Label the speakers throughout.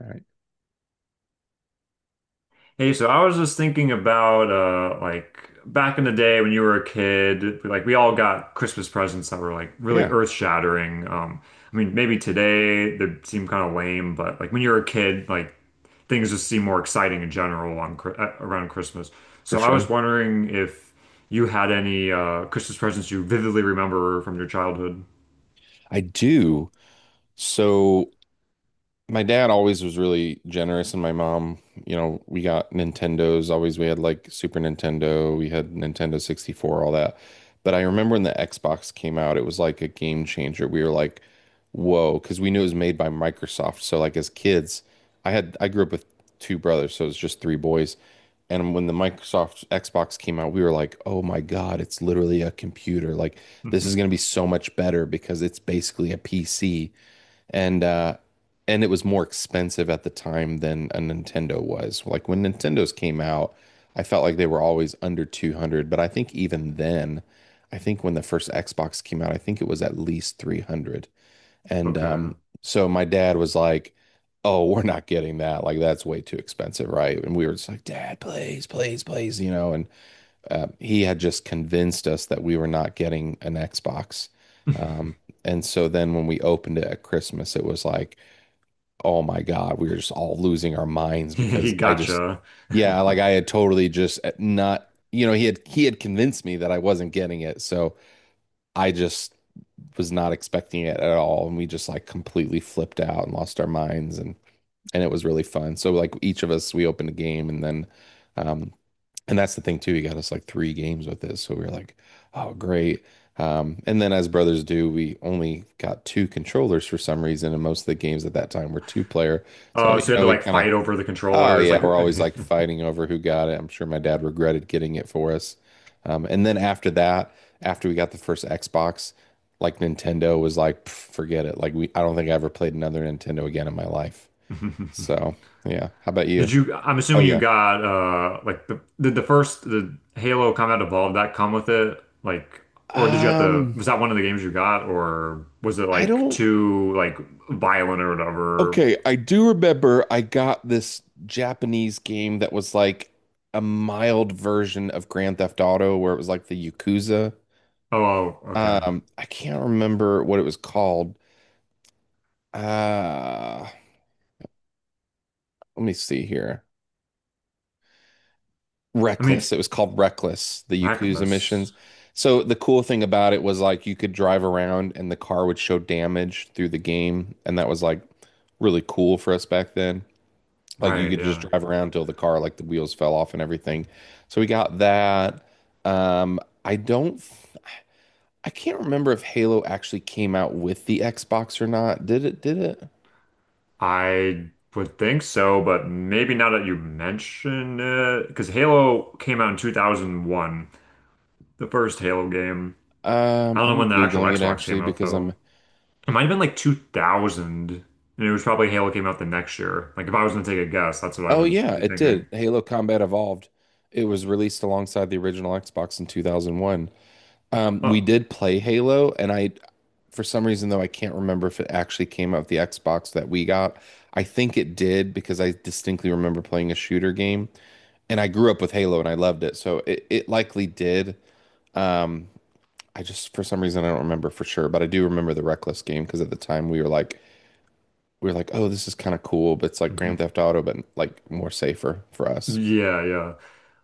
Speaker 1: All right.
Speaker 2: Hey, so I was just thinking about like back in the day when you were a kid, like we all got Christmas presents that were like really
Speaker 1: Yeah,
Speaker 2: earth-shattering. I mean, maybe today they seem kind of lame, but like when you were a kid, like things just seem more exciting in general on around Christmas.
Speaker 1: for
Speaker 2: So I was
Speaker 1: sure.
Speaker 2: wondering if you had any Christmas presents you vividly remember from your childhood.
Speaker 1: I do. So my dad always was really generous, and my mom, you know, we got Nintendos. Always, we had like Super Nintendo, we had Nintendo 64, all that. But I remember when the Xbox came out, it was like a game changer. We were like, whoa, because we knew it was made by Microsoft. So, like, as kids, I grew up with two brothers, so it's just three boys. And when the Microsoft Xbox came out, we were like, oh my God, it's literally a computer. Like, this is going to be so much better because it's basically a PC and uh and it was more expensive at the time than a Nintendo was. Like when Nintendos came out, I felt like they were always under 200, but I think even then, I think when the first Xbox came out, I think it was at least 300. And
Speaker 2: Okay.
Speaker 1: so my dad was like, "Oh, we're not getting that. Like that's way too expensive, right?" And we were just like, "Dad, please, please, please," you know, and he had just convinced us that we were not getting an Xbox. Um, and so then when we opened it at Christmas, it was like, oh my God, we were just all losing our minds
Speaker 2: He gotcha.
Speaker 1: yeah, like I had totally just eh, not, you know, he had convinced me that I wasn't getting it, so I just was not expecting it at all, and we just like completely flipped out and lost our minds, and it was really fun. So like each of us, we opened a game, um, and that's the thing too. He got us like three games with this, so we were like, "Oh, great!" And then, as brothers do, we only got two controllers for some reason, and most of the games at that time were two player. So
Speaker 2: Oh,
Speaker 1: you
Speaker 2: so you had
Speaker 1: know,
Speaker 2: to like fight over the
Speaker 1: oh
Speaker 2: controllers,
Speaker 1: yeah,
Speaker 2: like
Speaker 1: we're always like fighting over who got it. I'm sure my dad regretted getting it for us. And then after that, after we got the first Xbox, like Nintendo was like, "Pff, forget it. I don't think I ever played another Nintendo again in my life. So yeah, how about you?
Speaker 2: Did you? I'm
Speaker 1: Oh
Speaker 2: assuming you
Speaker 1: yeah.
Speaker 2: got like the did the first the Halo Combat Evolved that come with it, like, or did you have to,
Speaker 1: Um,
Speaker 2: was that one of the games you got, or was it
Speaker 1: I
Speaker 2: like
Speaker 1: don't
Speaker 2: too like violent or whatever?
Speaker 1: Okay, I do remember I got this Japanese game that was like a mild version of Grand Theft Auto where it was like the Yakuza.
Speaker 2: Oh, oh, okay.
Speaker 1: I can't remember what it was called. Uh, Let me see here.
Speaker 2: I mean, it's
Speaker 1: Reckless. It was called Reckless, the Yakuza
Speaker 2: reckless,
Speaker 1: missions. So the cool thing about it was like you could drive around and the car would show damage through the game, and that was like really cool for us back then. Like you
Speaker 2: right?
Speaker 1: could just
Speaker 2: Yeah,
Speaker 1: drive around till the car, like the wheels fell off and everything. So we got that. Um, I don't, I can't remember if Halo actually came out with the Xbox or not. Did it? Did it?
Speaker 2: I would think so, but maybe now that you mention it, because Halo came out in 2001, the first Halo game. I don't know
Speaker 1: I'm
Speaker 2: when the actual
Speaker 1: Googling it
Speaker 2: Xbox
Speaker 1: actually
Speaker 2: came out
Speaker 1: because I'm,
Speaker 2: though. It might have been like 2000, and it was probably Halo came out the next year. Like if I was gonna take a guess, that's what I
Speaker 1: Oh
Speaker 2: would
Speaker 1: yeah,
Speaker 2: be
Speaker 1: it
Speaker 2: thinking.
Speaker 1: did. Halo Combat Evolved. It was released alongside the original Xbox in 2001. We
Speaker 2: Oh,
Speaker 1: did play Halo, for some reason though, I can't remember if it actually came out with the Xbox that we got. I think it did because I distinctly remember playing a shooter game, and I grew up with Halo and I loved it, so it likely did. Um, I just for some reason I don't remember for sure, but I do remember the Reckless game because at the time we were like, oh, this is kind of cool, but it's like Grand
Speaker 2: mhm.
Speaker 1: Theft Auto, but like more safer for us.
Speaker 2: Yeah, yeah.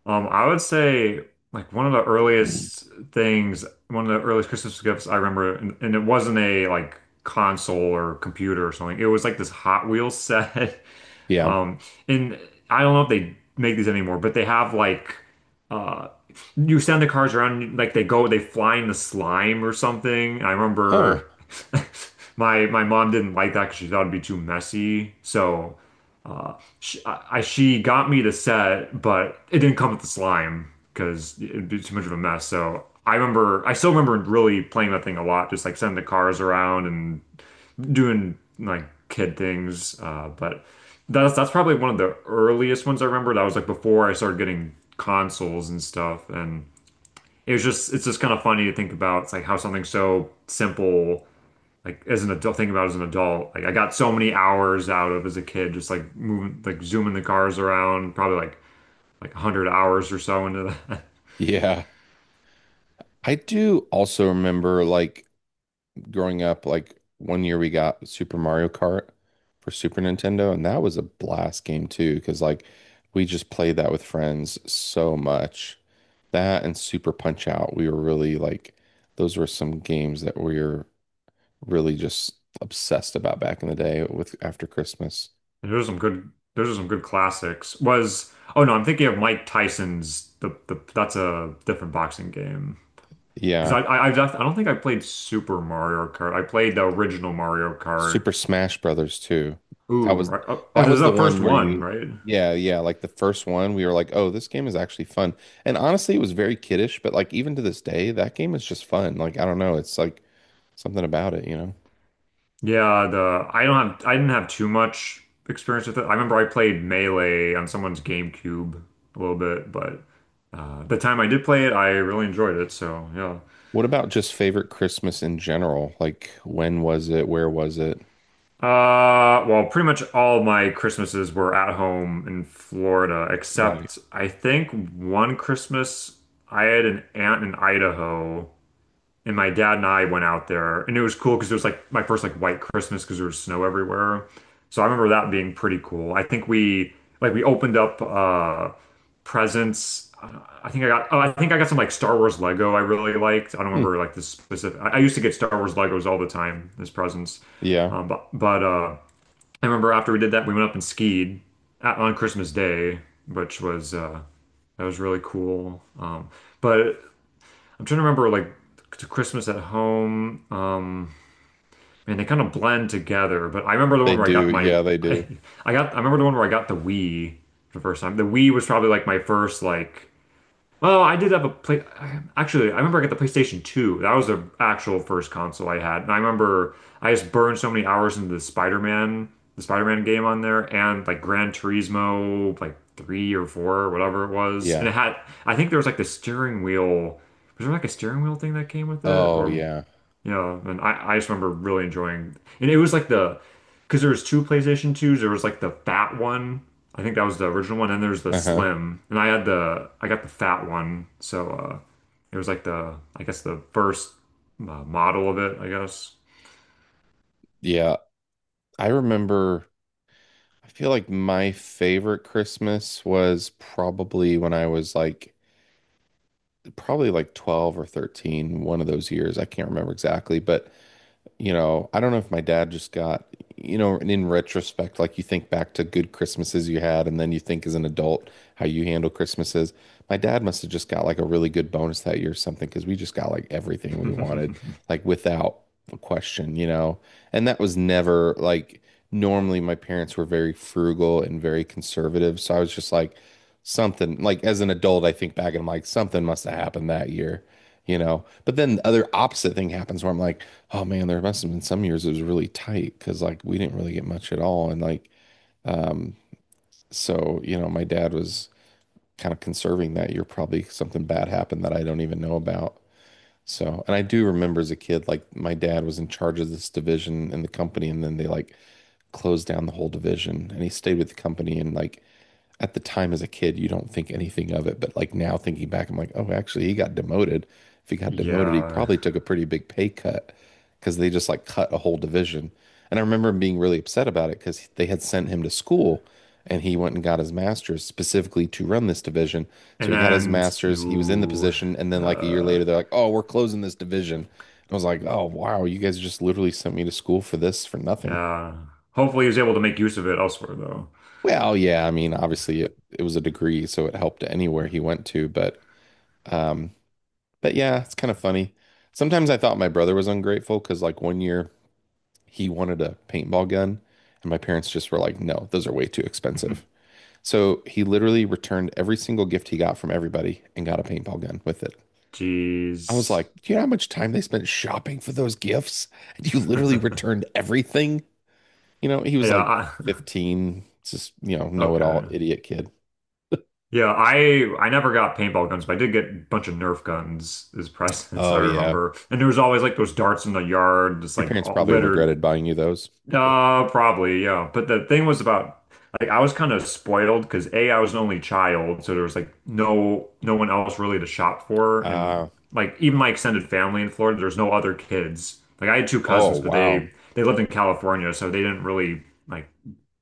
Speaker 2: I would say like one of the earliest things, one of the earliest Christmas gifts I remember, and it wasn't a like console or computer or something. It was like this Hot Wheels set.
Speaker 1: Yeah.
Speaker 2: Um, and I don't know if they make these anymore, but they have like uh you send the cars around, like, they go, they fly in the slime or something. I
Speaker 1: Huh.
Speaker 2: remember my mom didn't like that because she thought it'd be too messy. So she got me the set, but it didn't come with the slime because it'd be too much of a mess. So I remember I still remember really playing that thing a lot, just like sending the cars around and doing like kid things. But that's probably one of the earliest ones I remember. That was like before I started getting consoles and stuff. And it was just it's just kind of funny to think about. It's like how something so simple, like as an adult, think about as an adult. Like I got so many hours out of as a kid, just like moving, like zooming the cars around, probably like 100 hours or so into that.
Speaker 1: Yeah. I do also remember like growing up, like one year we got Super Mario Kart for Super Nintendo, and that was a blast game too, because like we just played that with friends so much. That and Super Punch Out, we were really like, those were some games that we were really just obsessed about back in the day with after Christmas.
Speaker 2: And there's some good, those are some good classics. Was, oh no, I'm thinking of Mike Tyson's, the that's a different boxing game. Because
Speaker 1: Yeah.
Speaker 2: I just I don't think I played Super Mario Kart. I played the original Mario Kart.
Speaker 1: Super Smash Brothers too. That
Speaker 2: Ooh,
Speaker 1: was
Speaker 2: right. Oh, oh,
Speaker 1: that
Speaker 2: this is
Speaker 1: was the
Speaker 2: the
Speaker 1: one
Speaker 2: first
Speaker 1: where
Speaker 2: one,
Speaker 1: you
Speaker 2: right?
Speaker 1: yeah, yeah, like the first one we were like, "Oh, this game is actually fun." And honestly, it was very kiddish, but like even to this day, that game is just fun. Like I don't know, it's like something about it, you know.
Speaker 2: Yeah, the I don't have I didn't have too much experience with it. I remember I played Melee on someone's GameCube a little bit, but the time I did play it, I really enjoyed it. So yeah.
Speaker 1: What about just favorite Christmas in general? Like when was it? Where was it?
Speaker 2: Well, pretty much all my Christmases were at home in Florida,
Speaker 1: Right.
Speaker 2: except I think one Christmas I had an aunt in Idaho. And my dad and I went out there, and it was cool because it was like my first like white Christmas because there was snow everywhere. So I remember that being pretty cool. I think we like we opened up presents. I think I got, oh, I think I got some like Star Wars Lego I really liked. I don't
Speaker 1: Hmm.
Speaker 2: remember like the specific. I used to get Star Wars Legos all the time as presents.
Speaker 1: Yeah,
Speaker 2: But I remember after we did that, we went up and skied at, on Christmas Day, which was that was really cool. But I'm trying to remember like to Christmas at home. And they kind of blend together. But I remember the
Speaker 1: they
Speaker 2: one where I got
Speaker 1: do.
Speaker 2: my
Speaker 1: Yeah, they
Speaker 2: I,
Speaker 1: do.
Speaker 2: I got I remember the one where I got the Wii for the first time. The Wii was probably like my first like Oh, I did have a play. Actually, I remember I got the PlayStation 2. That was the actual first console I had. And I remember I just burned so many hours into the Spider-Man game on there and like Gran Turismo, like three or four, or whatever it was. And
Speaker 1: Yeah.
Speaker 2: it had, I think there was like the steering wheel. Was there like a steering wheel thing that came with it?
Speaker 1: Oh,
Speaker 2: Or
Speaker 1: yeah.
Speaker 2: yeah, and I just remember really enjoying, and it was like the, because there was two PlayStation 2s. There was like the fat one. I think that was the original one, and there's the
Speaker 1: Uh-huh.
Speaker 2: slim. And I had the, I got the fat one. So it was like the, I guess the first model of it, I guess.
Speaker 1: Yeah. I remember I feel like my favorite Christmas was probably when I was like probably like 12 or 13, one of those years. I can't remember exactly, but you know, I don't know if my dad just got, you know, and in retrospect, like you think back to good Christmases you had, and then you think as an adult how you handle Christmases. My dad must have just got like a really good bonus that year or something because we just got like everything we wanted, like without a question, you know. And that was never like normally my parents were very frugal and very conservative. So I was just like, something like as an adult, I think back and I'm like, something must have happened that year, you know. But then the other opposite thing happens where I'm like, oh man, there must have been some years it was really tight because like we didn't really get much at all. And like um so, you know, my dad was kind of conserving that year. Probably something bad happened that I don't even know about. So, and I do remember as a kid, like my dad was in charge of this division in the company, and then they like closed down the whole division and he stayed with the company and like at the time as a kid, you don't think anything of it. But like now thinking back, I'm like, oh, actually, he got demoted. If he got demoted, he
Speaker 2: Yeah.
Speaker 1: probably took a pretty big pay cut because they just like cut a whole division. And I remember him being really upset about it because they had sent him to school and he went and got his master's specifically to run this division. So
Speaker 2: And
Speaker 1: he got his
Speaker 2: then,
Speaker 1: master's, he was in the
Speaker 2: ooh,
Speaker 1: position. And then like a year
Speaker 2: uh,
Speaker 1: later, they're like, oh, we're closing this division. And I was like, oh, wow, you guys just literally sent me to school for this for nothing.
Speaker 2: yeah. Hopefully he was able to make use of it elsewhere, though.
Speaker 1: Well, yeah, I mean, obviously it was a degree, so it helped anywhere he went to, but um but yeah, it's kind of funny. Sometimes I thought my brother was ungrateful because like one year he wanted a paintball gun and my parents just were like, "No, those are way too expensive." So he literally returned every single gift he got from everybody and got a paintball gun with it. I was
Speaker 2: Jeez.
Speaker 1: like, "Do you know how much time they spent shopping for those gifts? And you literally
Speaker 2: Yeah,
Speaker 1: returned everything?" You know, he was like
Speaker 2: I,
Speaker 1: 15, just, you know, know-it-all
Speaker 2: okay.
Speaker 1: idiot kid.
Speaker 2: Yeah, I never got paintball guns, but I did get a bunch of Nerf guns as presents, I
Speaker 1: Oh yeah,
Speaker 2: remember. And there was always like those darts in the yard, just
Speaker 1: your
Speaker 2: like
Speaker 1: parents
Speaker 2: all
Speaker 1: probably
Speaker 2: littered.
Speaker 1: regretted buying you those.
Speaker 2: Probably, yeah. But the thing was about like I was kind of spoiled because A, I was an only child, so there was like no one else really to shop for, and
Speaker 1: Uh,
Speaker 2: like even my extended family in Florida, there's no other kids. Like I had two
Speaker 1: oh,
Speaker 2: cousins, but
Speaker 1: wow.
Speaker 2: they lived in California, so they didn't really like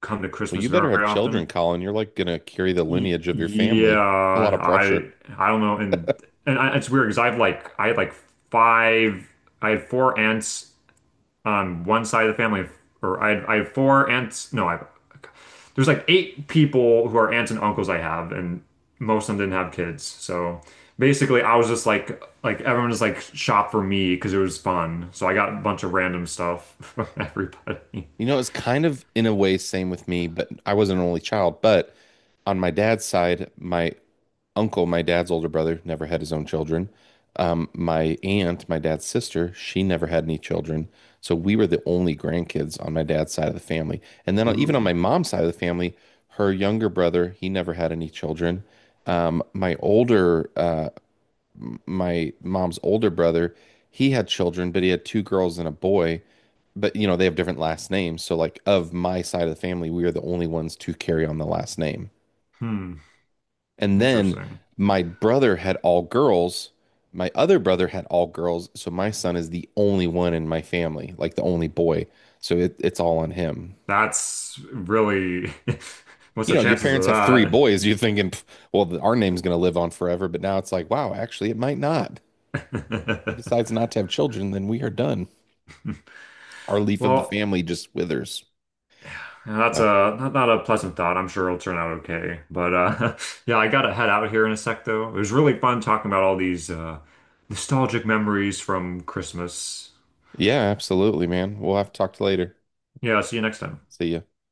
Speaker 2: come to
Speaker 1: Well, you
Speaker 2: Christmas
Speaker 1: better have
Speaker 2: very often.
Speaker 1: children, Colin. You're like gonna carry the
Speaker 2: Y-
Speaker 1: lineage of your
Speaker 2: Yeah,
Speaker 1: family. A lot of pressure.
Speaker 2: I don't know, it's weird because I've like I had like five, I had 4 aunts on one side of the family, or I had 4 aunts. No, I there's like 8 people who are aunts and uncles I have, and most of them didn't have kids. So basically, I was just like everyone just like shopped for me because it was fun. So I got a bunch of random stuff from everybody.
Speaker 1: You know, it's kind of in a way same with me, but I was an only child. But on my dad's side, my dad's older brother, never had his own children. My dad's sister, she never had any children. So we were the only grandkids on my dad's side of the family. And then on- even on my
Speaker 2: Ooh,
Speaker 1: mom's side of the family, her younger brother, he never had any children. Um, my older, uh, my mom's older brother, he had children, but he had two girls and a boy. But you know, they have different last names. So like of my side of the family, we are the only ones to carry on the last name.
Speaker 2: hmm,
Speaker 1: And then
Speaker 2: interesting.
Speaker 1: my brother had all girls. My other brother had all girls. So my son is the only one in my family, like the only boy. So it's all on him.
Speaker 2: That's really, what's
Speaker 1: You
Speaker 2: the
Speaker 1: know, your
Speaker 2: chances
Speaker 1: parents
Speaker 2: of
Speaker 1: have three boys. You're thinking, "Pff, well, our name's going to live on forever. But now it's like, wow, actually, it might not. He
Speaker 2: that?
Speaker 1: decides not to have children, then we are done. Our leaf of the
Speaker 2: Well,
Speaker 1: family just withers.
Speaker 2: that's
Speaker 1: So,
Speaker 2: a not, not a pleasant thought. I'm sure it'll turn out okay. But yeah, I gotta head out here in a sec, though. It was really fun talking about all these nostalgic memories from Christmas.
Speaker 1: yeah, absolutely, man. We'll have to talk to you later.
Speaker 2: Yeah, see you next time.
Speaker 1: See ya.